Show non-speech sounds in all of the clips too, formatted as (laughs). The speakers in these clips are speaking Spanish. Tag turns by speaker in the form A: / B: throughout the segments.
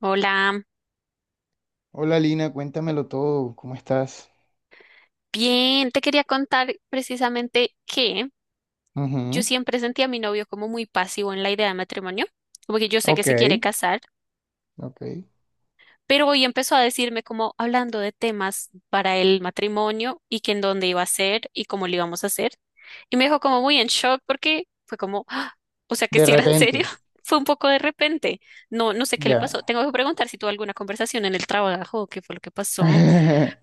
A: Hola,
B: Hola Lina, cuéntamelo todo, ¿cómo estás?
A: bien, te quería contar precisamente que yo
B: Ujú.
A: siempre sentí a mi novio como muy pasivo en la idea de matrimonio, como que yo sé que
B: Ok,
A: se quiere casar,
B: ok.
A: pero hoy empezó a decirme como hablando de temas para el matrimonio y que en dónde iba a ser y cómo lo íbamos a hacer. Y me dejó como muy en shock porque fue como, "Ah, o sea, que
B: De
A: si era en
B: repente,
A: serio", (laughs) fue un poco de repente. No, no sé qué le pasó.
B: ya.
A: Tengo que preguntar si tuvo alguna conversación en el trabajo, qué fue lo que pasó.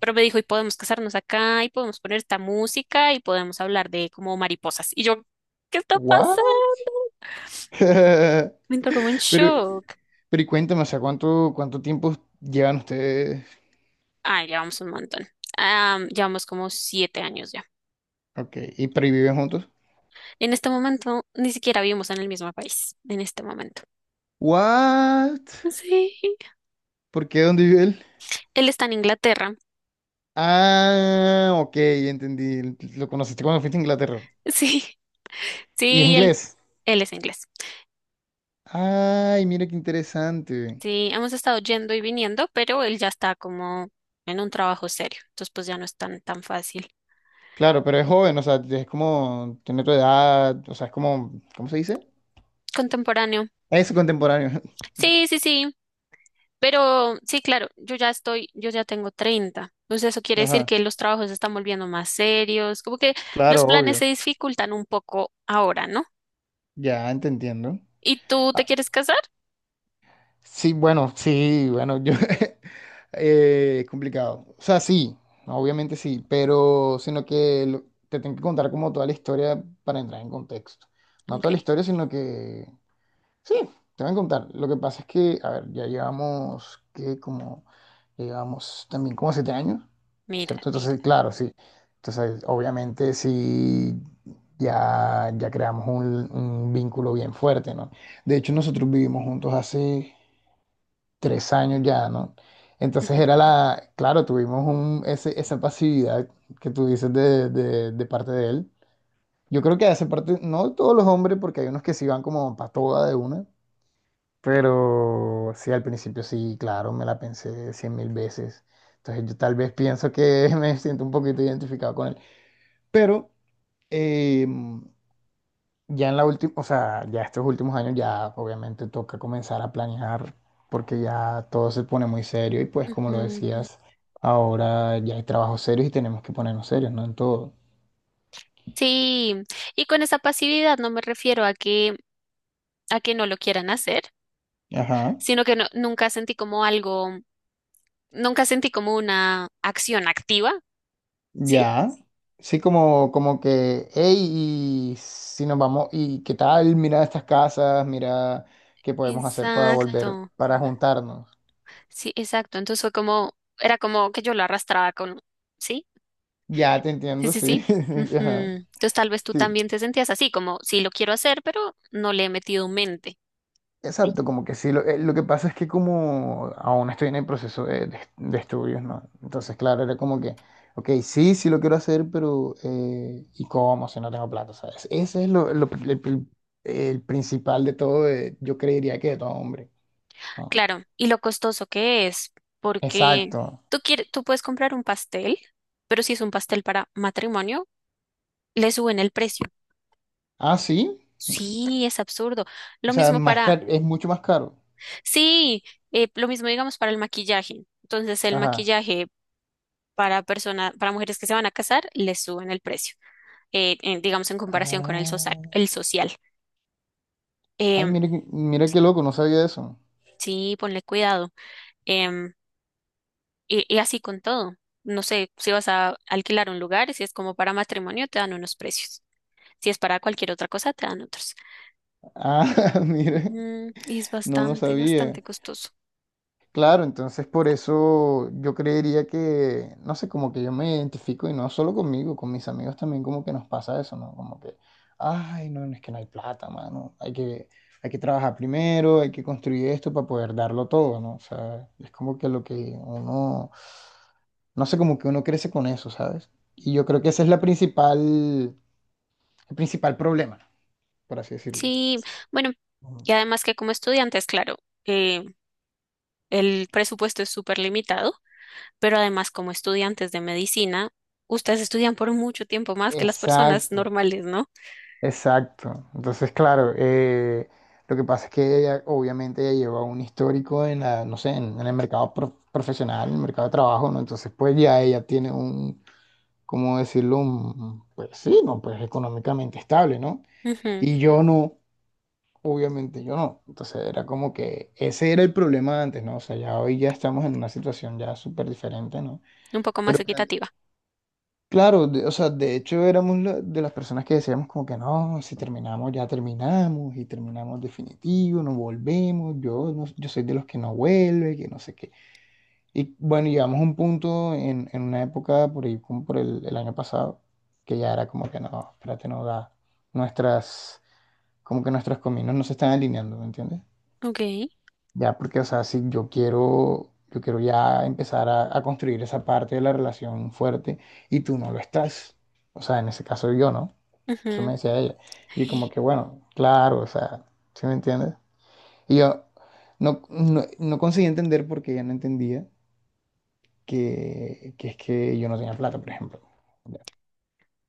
A: Pero me dijo, y podemos casarnos acá, y podemos poner esta música, y podemos hablar de como mariposas. Y yo, ¿qué está pasando?
B: ¿What? (laughs)
A: Me
B: Pero,
A: entró como en shock.
B: pero y cuéntame, o sea, ¿cuánto tiempo llevan ustedes?
A: Ah, llevamos un montón. Ah, llevamos como 7 años ya.
B: Ok, ¿y pero y viven juntos?
A: En este momento, ni siquiera vivimos en el mismo país. En este momento.
B: ¿What?
A: Sí.
B: ¿Por qué? ¿Dónde vive él?
A: Él está en Inglaterra. (laughs)
B: Ah, ok, ya entendí. Lo conociste cuando fuiste a Inglaterra.
A: Sí.
B: ¿Y es
A: Sí, él,
B: inglés?
A: él es inglés.
B: Ay, mira qué interesante.
A: Sí, hemos estado yendo y viniendo, pero él ya está como en un trabajo serio. Entonces, pues ya no es tan, tan fácil.
B: Claro, pero es joven, o sea, es como, tiene tu edad, o sea, es como, ¿cómo se dice?
A: Contemporáneo.
B: Es contemporáneo.
A: Sí, sí, sí. Pero sí, claro, yo ya tengo 30. Entonces eso
B: (laughs)
A: quiere decir
B: Ajá,
A: que los trabajos se están volviendo más serios, como que los
B: claro,
A: planes
B: obvio.
A: se dificultan un poco ahora, ¿no?
B: Ya, te entiendo.
A: ¿Y tú te
B: Ah,
A: quieres casar?
B: sí, bueno, sí, bueno, yo, (laughs) es complicado. O sea, sí, obviamente sí, pero, sino que te tengo que contar como toda la historia para entrar en contexto. No
A: Ok,
B: toda la historia, sino que. Sí, te voy a contar. Lo que pasa es que, a ver, ya llevamos también como 7 años,
A: mira.
B: ¿cierto? Entonces, claro, sí. Entonces, obviamente, sí, ya creamos un vínculo bien fuerte, ¿no? De hecho, nosotros vivimos juntos hace 3 años ya, ¿no? Entonces
A: Ujú,
B: era la, claro, tuvimos esa pasividad que tú dices de parte de él. Yo creo que hace parte, no de todos los hombres, porque hay unos que sí van como para toda de una, pero sí, al principio sí, claro, me la pensé cien mil veces. Entonces yo tal vez pienso que (laughs) me siento un poquito identificado con él. Pero eh, ya en la última, o sea, ya estos últimos años ya obviamente toca comenzar a planear porque ya todo se pone muy serio y pues como lo
A: ujú.
B: decías, ahora ya hay trabajos serios y tenemos que ponernos serios, ¿no? En todo.
A: Sí, y con esa pasividad no me refiero a que no lo quieran hacer,
B: Ajá.
A: sino que nunca sentí como algo, nunca sentí como una acción activa, ¿sí?
B: Ya, sí, como que, hey, y si nos vamos, y qué tal, mira estas casas, mira qué podemos hacer para volver,
A: Exacto.
B: para juntarnos.
A: Sí, exacto. Entonces fue como, era como que yo lo arrastraba con, ¿sí?
B: Ya te
A: Sí,
B: entiendo,
A: sí, sí.
B: sí. (laughs)
A: Ujú.
B: Ajá.
A: Entonces tal vez tú
B: Sí,
A: también te sentías así, como sí lo quiero hacer, pero no le he metido mente. Sí,
B: exacto, como que sí. Lo que pasa es que como aún estoy en el proceso de estudios, ¿no? Entonces, claro, era como que, ok, sí, sí lo quiero hacer, pero ¿y cómo si no tengo plata, sabes? Ese es el principal de todo, yo creería que de todo hombre, ¿no?
A: claro, y lo costoso que es, porque
B: Exacto.
A: tú quieres, tú puedes comprar un pastel, pero si es un pastel para matrimonio, le suben el precio.
B: Ah, sí.
A: Sí, es absurdo.
B: O
A: Lo
B: sea,
A: mismo
B: más
A: para,
B: es mucho más caro.
A: sí, lo mismo digamos para el maquillaje. Entonces el
B: Ajá.
A: maquillaje para personas, para mujeres que se van a casar, les suben el precio, digamos en comparación con el social,
B: Ah,
A: el social.
B: ay,
A: Em,
B: mire, mira qué loco, no sabía eso.
A: sí, ponle cuidado. Em, y así con todo. No sé, si vas a alquilar un lugar, si es como para matrimonio, te dan unos precios. Si es para cualquier otra cosa, te dan otros.
B: Ah, (laughs) mire.
A: Y es
B: No, no
A: bastante,
B: sabía.
A: bastante costoso.
B: Claro, entonces por eso yo creería que, no sé, como que yo me identifico y no solo conmigo, con mis amigos también como que nos pasa eso, ¿no? Como que, ay, no, no, es que no hay plata, mano, hay que trabajar primero, hay que construir esto para poder darlo todo, ¿no? O sea, es como que lo que uno, no sé, como que uno crece con eso, ¿sabes? Y yo creo que ese es la principal, el principal problema, por así decirlo.
A: Sí, bueno,
B: Ujú.
A: y además que como estudiantes, claro, eh, el presupuesto es súper limitado. Pero además como estudiantes de medicina, ustedes estudian por mucho tiempo más que las personas
B: Exacto,
A: normales, ¿no?
B: exacto. Entonces, claro, lo que pasa es que ella, obviamente, ella lleva un histórico en la, no sé, en el mercado profesional, en el mercado de trabajo, ¿no? Entonces, pues ya ella tiene un, ¿cómo decirlo? Pues sí, ¿no? Pues económicamente estable, ¿no?
A: Ujú,
B: Y yo no, obviamente yo no. Entonces, era como que ese era el problema antes, ¿no? O sea, ya hoy ya estamos en una situación ya súper diferente, ¿no?
A: un poco más
B: Pero
A: equitativa.
B: claro, o sea, de hecho éramos de las personas que decíamos como que no, si terminamos ya terminamos y terminamos definitivo, no volvemos, yo, no- yo soy de los que no vuelve, que no sé qué. Y bueno, llegamos a un punto en una época por ahí, como por el año pasado, que ya era como que no, espérate, no da, nuestras, como que nuestras caminos no se están alineando, ¿me entiendes?
A: Ok.
B: Ya, porque, o sea, si yo quiero ya empezar a construir esa parte de la relación fuerte y tú no lo estás. O sea, en ese caso yo no. Eso
A: Ujú.
B: me decía ella. Y como que, bueno, claro, o sea, ¿sí me entiendes? Y yo no conseguí entender porque ella no entendía que es que yo no tenía plata, por ejemplo. Ya.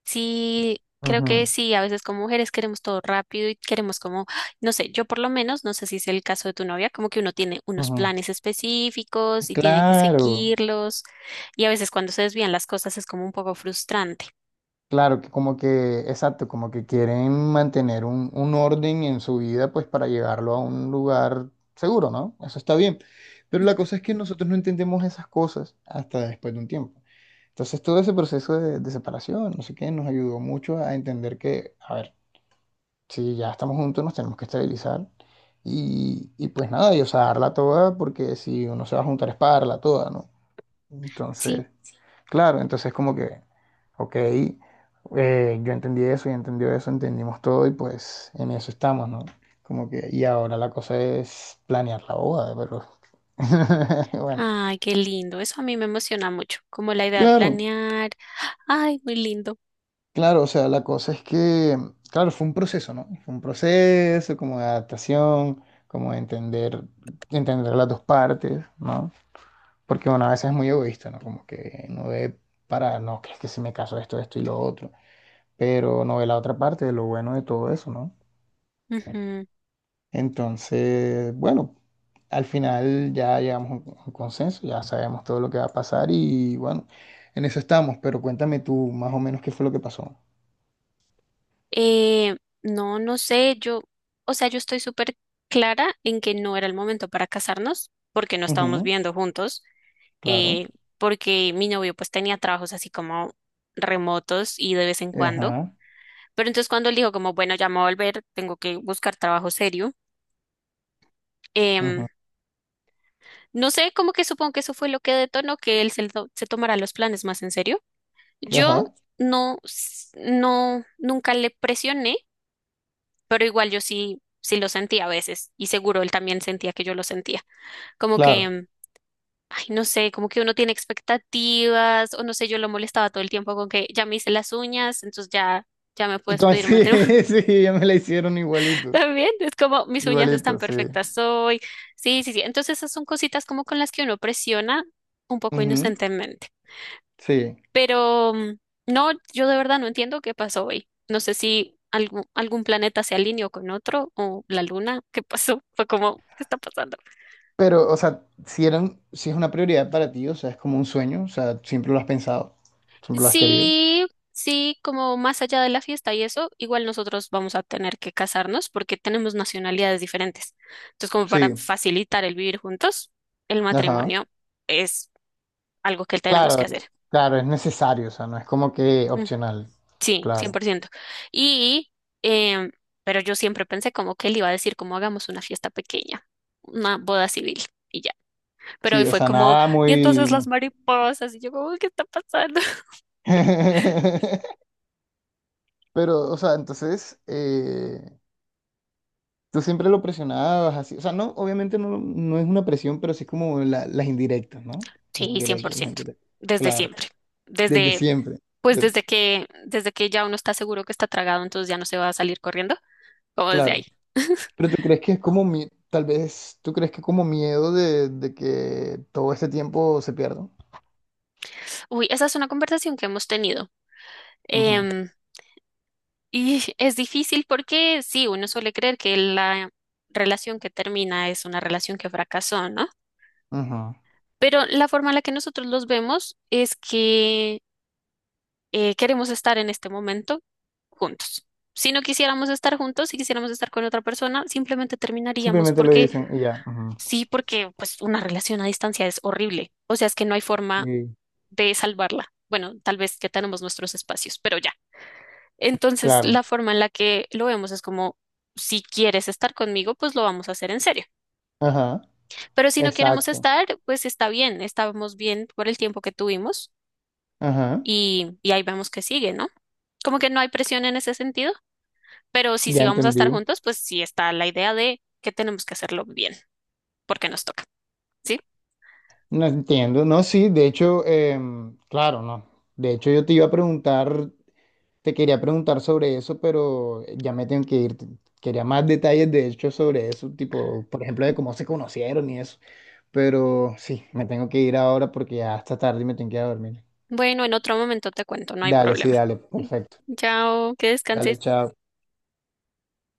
A: Sí, creo que
B: Ujú,
A: sí, a veces como mujeres queremos todo rápido y queremos como, no sé, yo por lo menos, no sé si es el caso de tu novia, como que uno tiene unos
B: ujú.
A: planes específicos y tiene que
B: Claro,
A: seguirlos y a veces cuando se desvían las cosas es como un poco frustrante.
B: claro, que como que, exacto, como que quieren mantener un orden en su vida, pues para llevarlo a un lugar seguro, ¿no? Eso está bien. Pero la
A: Ujú.
B: cosa es que nosotros no entendemos esas cosas hasta después de un tiempo. Entonces todo ese proceso de separación, no sé qué, nos ayudó mucho a entender que, a ver, si ya estamos juntos, nos tenemos que estabilizar. Y pues nada, y o sea, darla toda, porque si uno se va a juntar es para darla toda, ¿no?
A: Sí.
B: Entonces... Claro, entonces como que, ok, yo entendí eso y entendió eso, entendimos todo y pues en eso estamos, ¿no? Como que, y ahora la cosa es planear la boda, pero (laughs) bueno.
A: Ay, qué lindo. Eso a mí me emociona mucho, como la idea de
B: Claro,
A: planear. Ay, muy lindo.
B: claro, o sea, la cosa es que, claro, fue un proceso, ¿no? Fue un proceso como de adaptación, como de entender las dos partes, ¿no? Porque, bueno, a veces es muy egoísta, ¿no? Como que no ve para, no, que es que si me caso esto, esto y lo otro. Pero no ve la otra parte de lo bueno de todo eso, ¿no?
A: Ujú.
B: Entonces, bueno, al final ya llegamos a un consenso, ya sabemos todo lo que va a pasar y bueno, en eso estamos, pero cuéntame tú más o menos qué fue lo que pasó.
A: Eh, no, no sé, o sea, yo estoy súper clara en que no era el momento para casarnos, porque no estábamos
B: Ujú,
A: viviendo juntos,
B: claro.
A: eh, porque mi novio pues tenía trabajos así como remotos y de vez en cuando.
B: Ajá,
A: Pero entonces cuando él dijo como, bueno, ya me voy a volver, tengo que buscar trabajo serio.
B: ujú,
A: em, no sé, como que supongo que eso fue lo que detonó que él se tomara los planes más en serio. Yo
B: ajá,
A: no, no, nunca le presioné, pero igual yo sí, sí lo sentía a veces y seguro él también sentía que yo lo sentía. Como que,
B: claro.
A: ay, no sé, como que uno tiene expectativas o no sé, yo lo molestaba todo el tiempo con que ya me hice las uñas, entonces ya, ya me
B: Y
A: puedes
B: como (laughs)
A: pedir
B: sí,
A: matrimonio
B: sí, ya me la hicieron
A: (laughs)
B: igualito,
A: también. Es como mis uñas están
B: igualito, sí.
A: perfectas hoy. Sí, sí, sí. Entonces esas son cositas como con las que uno presiona un poco
B: Ujú,
A: inocentemente.
B: sí.
A: Pero no, yo de verdad no entiendo qué pasó hoy. No sé si algún planeta se alineó con otro o la luna. (laughs) ¿Qué pasó? Fue como, ¿qué está pasando?
B: Pero, o sea, si es una prioridad para ti, o sea, es como un sueño, o sea, siempre lo has pensado, siempre lo has querido.
A: Sí, sí, como más allá de la fiesta y eso, igual nosotros vamos a tener que casarnos porque tenemos nacionalidades diferentes. Entonces, como para
B: Sí.
A: facilitar el vivir juntos, el
B: Ajá.
A: matrimonio es algo que tenemos que
B: Claro,
A: hacer.
B: claro, es necesario, o sea, no es como que opcional.
A: Sí, cien
B: Claro.
A: por ciento. Y, em, pero yo siempre pensé como que él iba a decir como hagamos una fiesta pequeña, una boda civil y ya. Pero hoy
B: Sí, o
A: fue
B: sea,
A: como,
B: nada
A: y
B: muy...
A: entonces las mariposas, y yo como, ¿qué está pasando? (laughs)
B: (laughs) Pero, o sea, entonces, tú siempre lo presionabas así. O sea, no, obviamente no, no es una presión, pero sí como las indirectas, ¿no? Las
A: Sí, cien
B: indirectas,
A: por
B: sí, las
A: ciento.
B: indirectas.
A: Desde
B: Claro,
A: siempre.
B: desde
A: Desde,
B: siempre.
A: pues
B: de-
A: desde que, desde que ya uno está seguro que está tragado, entonces ya no se va a salir corriendo, como desde
B: claro.
A: ahí. (laughs)
B: Pero tú crees que es como, tal vez, tú crees que como miedo de que todo este tiempo se pierda.
A: Uy, esa es una conversación que hemos tenido.
B: Ujú,
A: Em, Y es difícil porque sí, uno suele creer que la relación que termina es una relación que fracasó, ¿no?
B: ujú.
A: Pero la forma en la que nosotros los vemos es que queremos estar en este momento juntos. Si no quisiéramos estar juntos, si quisiéramos estar con otra persona, simplemente terminaríamos
B: Simplemente lo
A: porque
B: dicen y ya. Ujú.
A: sí, porque pues una relación a distancia es horrible. O sea, es que no hay forma
B: Y
A: de salvarla. Bueno, tal vez que tenemos nuestros espacios, pero ya. Entonces,
B: claro.
A: la forma en la que lo vemos es como, si quieres estar conmigo, pues lo vamos a hacer en serio.
B: Ajá.
A: Pero si no queremos
B: Exacto.
A: estar, pues está bien, estábamos bien por el tiempo que tuvimos
B: Ajá.
A: y ahí vemos que sigue, ¿no? Como que no hay presión en ese sentido, pero si sí
B: Ya
A: si vamos a estar
B: entendí.
A: juntos, pues sí está la idea de que tenemos que hacerlo bien, porque nos toca, ¿sí?
B: No entiendo. No, sí, de hecho, claro, no. De hecho, yo te iba a preguntar, te quería preguntar sobre eso, pero ya me tengo que ir. Quería más detalles, de hecho, sobre eso, tipo, por ejemplo, de cómo se conocieron y eso. Pero sí, me tengo que ir ahora porque ya está tarde y me tengo que ir a dormir.
A: Bueno, en otro momento te cuento, no hay
B: Dale, sí,
A: problema.
B: dale.
A: (laughs)
B: Perfecto.
A: Chao, que
B: Dale,
A: descanses.
B: chao.